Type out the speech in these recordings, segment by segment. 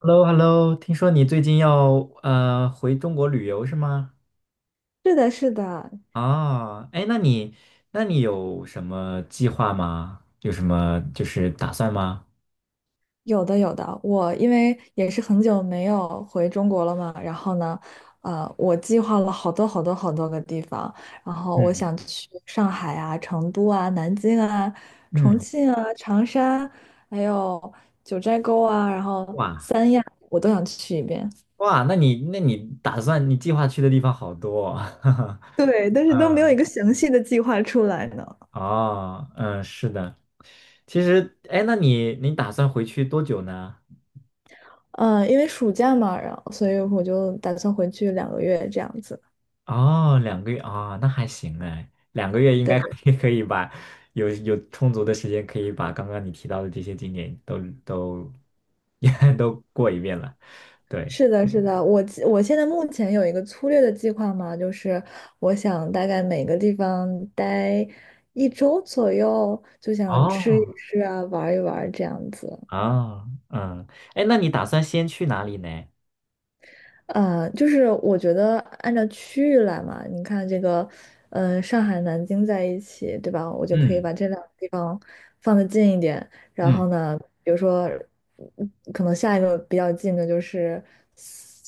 h e l l o 听说你最近要回中国旅游是吗？是的，是的，啊，哎，那你有什么计划吗？有什么就是打算吗？有的，有的。我因为也是很久没有回中国了嘛，然后呢，我计划了好多好多好多个地方，然后我嗯想去上海啊、成都啊、南京啊、重嗯，庆啊、长沙，还有九寨沟啊，然后哇我都想去一遍。哇，那你打算你计划去的地方好多哦，哈哈。对，但是都没有一嗯，个详细的计划出来呢。哦，嗯，是的。其实，哎，那你打算回去多久呢？嗯，因为暑假嘛，然后所以我就打算回去2个月这样子。哦，两个月啊，那还行哎，两个月应该 对。可以把有充足的时间，可以把刚刚你提到的这些景点都 都过一遍了。对，是的，是的，我现在目前有一个粗略的计划嘛，就是我想大概每个地方待1周左右，就想吃一哦，吃啊，玩一玩这样子。啊，嗯，哎，那你打算先去哪里呢？就是我觉得按照区域来嘛，你看这个，上海、南京在一起，对吧？我就可以嗯把这两个地方放得近一点。然嗯后呢，比如说，可能下一个比较近的就是。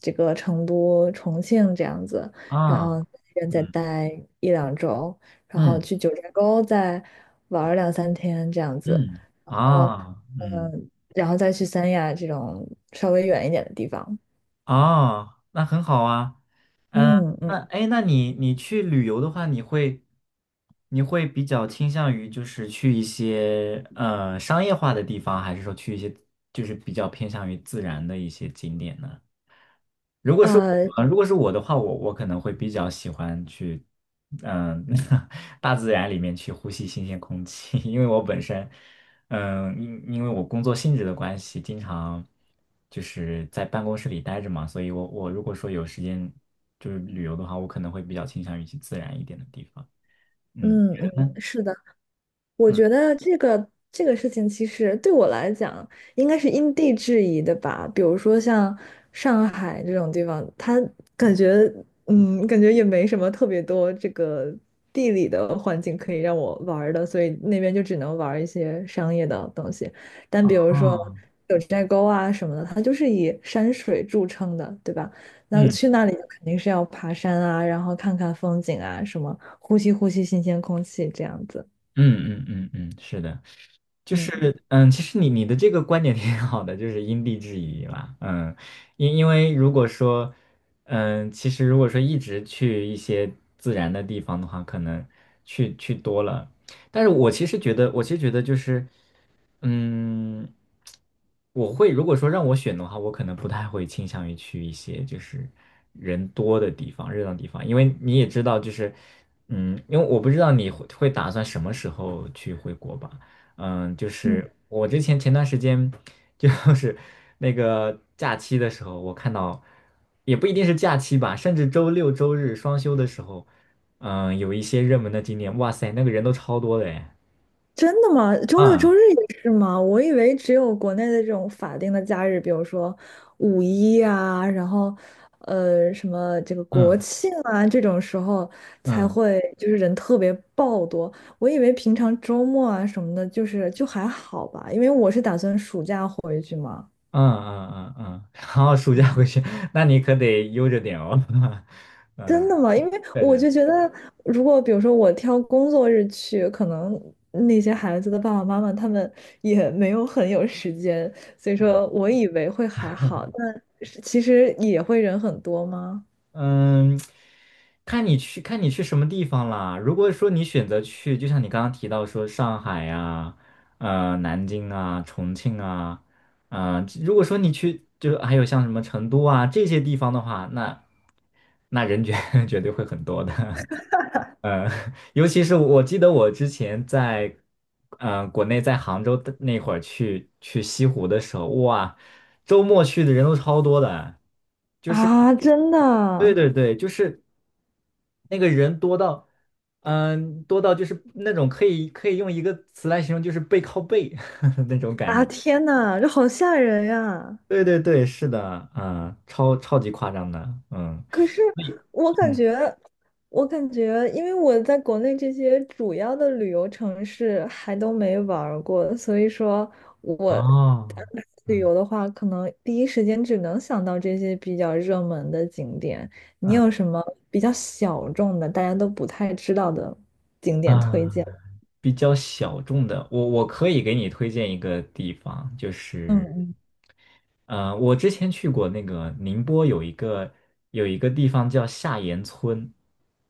这个成都、重庆这样子，然啊后在那边再嗯待1-2周，然后嗯去九寨沟再玩儿2-3天这样子，嗯然后啊嗯然后再去三亚这种稍微远一点的地方。啊，那很好啊。嗯嗯那哎，诶那你去旅游的话，你会比较倾向于就是去一些商业化的地方，还是说去一些就是比较偏向于自然的一些景点呢？呃如果是我的话，我可能会比较喜欢去，嗯、大自然里面去呼吸新鲜空气，因为我本身，因为我工作性质的关系，经常就是在办公室里待着嘛，所以我如果说有时间就是旅游的话，我可能会比较倾向于去自然一点的地方。嗯，你嗯觉嗯，得呢？是的。我嗯，觉得这个这个事情，其实对我来讲，应该是因地制宜的吧。比如说像上海这种地方，它感觉，感觉也没什么特别多这个地理的环境可以让我玩儿的，所以那边就只能玩儿一些商业的东西。但比如说哦，九寨沟啊什么的，它就是以山水著称的，对吧？那嗯。去那里就肯定是要爬山啊，然后看看风景啊，什么呼吸呼吸新鲜空气这样子。嗯嗯嗯嗯，是的，就嗯。是其实你的这个观点挺好的，就是因地制宜啦。嗯，因为如果说，嗯，其实如果说一直去一些自然的地方的话，可能去多了。但是我其实觉得就是。嗯，我会如果说让我选的话，我可能不太会倾向于去一些就是人多的地方、热闹地方，因为你也知道，就是因为我不知道你会打算什么时候去回国吧？嗯，就是我之前前段时间就 是那个假期的时候，我看到也不一定是假期吧，甚至周六周日双休的时候，嗯，有一些热门的景点，哇塞，那个人都超多的哎，真的吗？周六周嗯日也是吗？我以为只有国内的这种法定的假日，比如说五一啊，然后什么这个国嗯庆啊这种时候才嗯。会就是人特别爆多。我以为平常周末啊什么的，就是就还好吧，因为我是打算暑假回去嘛。嗯嗯嗯嗯，然后暑嗯。假回去，那你可得悠着点哦。嗯，真的吗？因为对我对，对就觉得，如果比如说我挑工作日去，可能那些孩子的爸爸妈妈他们也没有很有时间，所以说我以为会还好，但是其实也会人很多吗？嗯，看你去什么地方啦。如果说你选择去，就像你刚刚提到说上海呀、南京啊、重庆啊，嗯、如果说你去就是还有像什么成都啊这些地方的话，那人绝对会很多的。呃，尤其是我记得我之前在，国内在杭州的那会儿去西湖的时候，哇，周末去的人都超多的，就是啊，真对的对对，就是那个人多到，多到就是那种可以用一个词来形容，就是背靠背 那种感啊！觉。天呐，这好吓人呀！对对对，是的，嗯、超级夸张的，嗯，可是所以，我感嗯，觉，我感觉，因为我在国内这些主要的旅游城市还都没玩儿过，所以说我安哦，排旅嗯游的话，可能第一时间只能想到这些比较热门的景点。你有嗯什么比较小众的，大家都不太知道的景点推啊。荐？比较小众的，我可以给你推荐一个地方，就嗯是，嗯，我之前去过那个宁波有一个地方叫下岩村，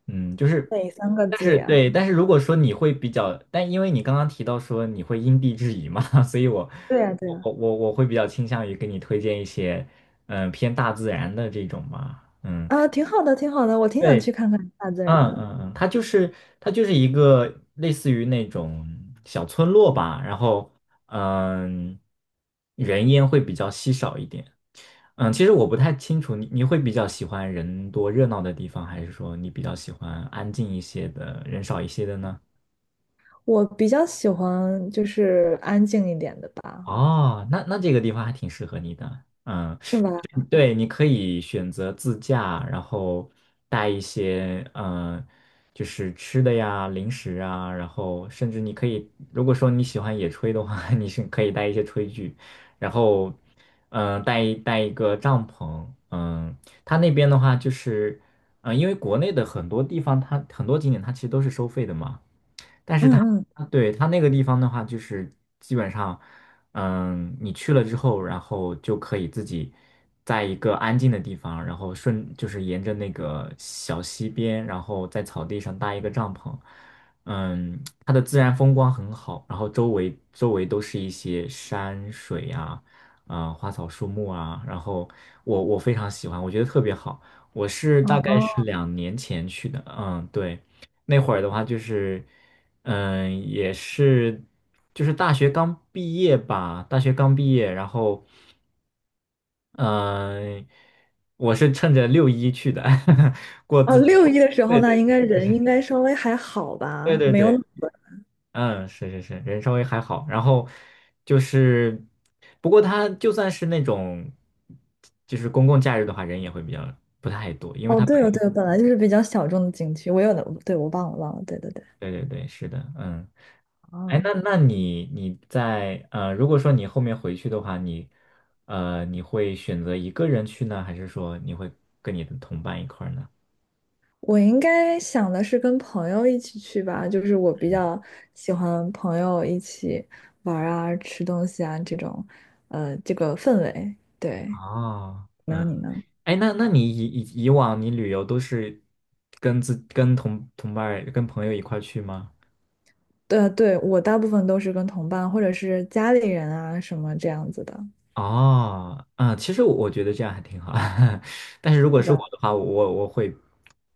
嗯，就是，哪三个但字是呀？对，但是如果说你会比较，但因为你刚刚提到说你会因地制宜嘛，所以我对呀，对呀，我我我会比较倾向于给你推荐一些，偏大自然的这种吧，嗯。啊，挺好的，挺好的，我挺想对。去看看大自然嗯的。嗯嗯，它就是一个类似于那种小村落吧，然后嗯，人烟会比较稀少一点。嗯，其实我不太清楚你会比较喜欢人多热闹的地方，还是说你比较喜欢安静一些的，人少一些的呢？我比较喜欢就是安静一点的吧。哦，那这个地方还挺适合你的。嗯，是吧？对，你可以选择自驾，然后带一些就是吃的呀、零食啊，然后甚至你可以，如果说你喜欢野炊的话，你是可以带一些炊具，然后带一个帐篷，嗯、它那边的话就是，因为国内的很多地方它很多景点它其实都是收费的嘛。但是嗯嗯，啊对它那个地方的话，就是基本上，你去了之后，然后就可以自己在一个安静的地方，然后就是沿着那个小溪边，然后在草地上搭一个帐篷，嗯，它的自然风光很好，然后周围都是一些山水呀、啊，花草树木啊，然后我非常喜欢，我觉得特别好。我是大哦，概哦，是2年前去的，嗯，对，那会儿的话就是。嗯，也是，就是大学刚毕业，然后，嗯，我是趁着六一去的，过哦，自己六的，一的时对候呢，对应该对，就是人应该稍微还好对吧，对没有那对，么嗯，是是是，人稍微还好，然后就是，不过他就算是那种，就是公共假日的话，人也会比较不太多，因为哦，对哦，对哦本来就是比较小众的景区，我有的，对，我忘了忘了，对对对。对对对，是的，嗯，哎，哦，那那你在如果说你后面回去的话，你你会选择一个人去呢，还是说你会跟你的同伴一块儿呢？我应该想的是跟朋友一起去吧，就是我比嗯，较喜欢朋友一起玩儿啊、吃东西啊这种，这个氛围。对，哦，然后嗯，你呢？哎，那你以往你旅游都是跟自跟同同伴儿跟朋友一块儿去吗？对对，我大部分都是跟同伴或者是家里人啊什么这样子的。哦，啊，其实我觉得这样还挺好，但是如果对是我吧？的话，我我会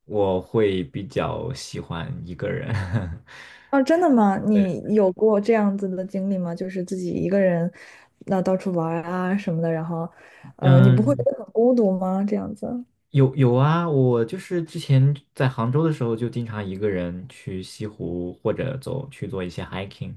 我会比较喜欢一个人。啊，真的吗？你有过这样子的经历吗？就是自己一个人，那到处玩儿啊什么的，然后，你不会觉嗯，得很孤独吗？这样子有有啊，我就是之前在杭州的时候，就经常一个人去西湖或者走去做一些 hiking，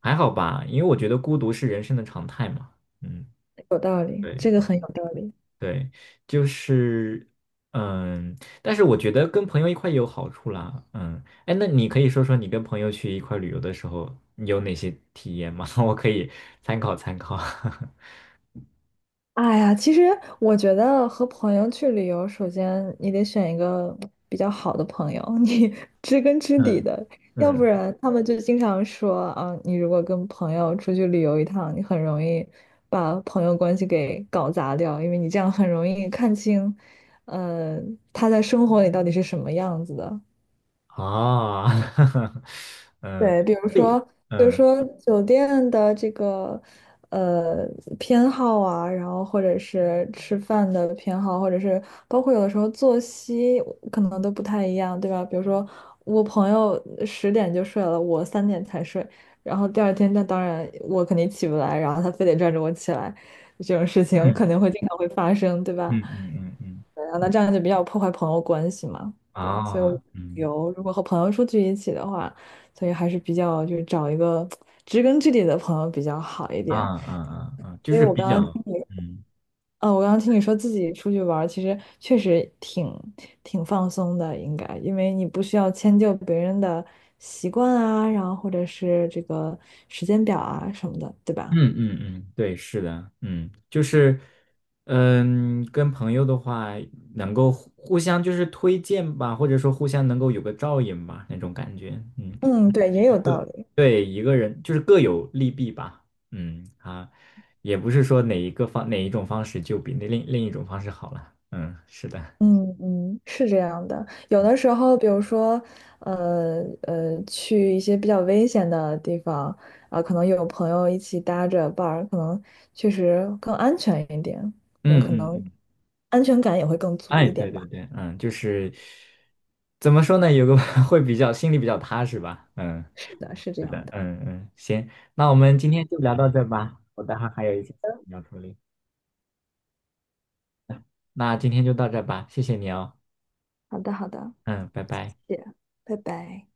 还好吧，因为我觉得孤独是人生的常态嘛。嗯，有道理，对这个很有道理。对，就是嗯，但是我觉得跟朋友一块也有好处啦。嗯，哎，那你可以说说你跟朋友去一块旅游的时候，你有哪些体验吗？我可以参考参考。哎呀，其实我觉得和朋友去旅游，首先你得选一个比较好的朋友，你 知根知底嗯的，要不嗯。然他们就经常说啊，你如果跟朋友出去旅游一趟，你很容易把朋友关系给搞砸掉，因为你这样很容易看清，呃，他在生活里到底是什么样子的。啊，嗯对，比如对，说，比如嗯说酒店的这个呃偏好啊，然后或者是吃饭的偏好，或者是包括有的时候作息可能都不太一样，对吧？比如说我朋友10点就睡了，我3点才睡，然后第二天那当然我肯定起不来，然后他非得拽着我起来，这种事情肯嗯定会经常会发生，对嗯吧？嗯嗯嗯对啊那嗯这样就比较破坏朋友关系嘛。对，所以我啊，嗯有，如果和朋友出去一起的话。所以还是比较就是找一个知根知底的朋友比较好一啊点。啊啊啊，就所以是比较，嗯我刚刚听你说自己出去玩儿，其实确实挺放松的，应该，因为你不需要迁就别人的习惯啊，然后或者是这个时间表啊什么的，对吧？嗯嗯嗯，对，是的，嗯，就是，嗯，跟朋友的话，能够互相就是推荐吧，或者说互相能够有个照应吧，那种感觉，嗯，嗯，对，也有道理。对，一个人就是各有利弊吧，嗯啊，也不是说哪一种方式就比那另一种方式好了，嗯，是的。嗯嗯，是这样的。有的时候，比如说，去一些比较危险的地方，啊、可能有朋友一起搭着伴儿，可能确实更安全一点，嗯可嗯能嗯，安全感也会更足哎，一对点对吧。对，嗯，就是怎么说呢，有个 会比较心里比较踏实吧，嗯，是的，是这是样的，的。嗯嗯，行，那我们今天就聊到这吧，我待会儿还有一些事情要处理，那今天就到这吧，谢谢你哦，好的，好的，嗯，拜拜。谢谢，拜拜。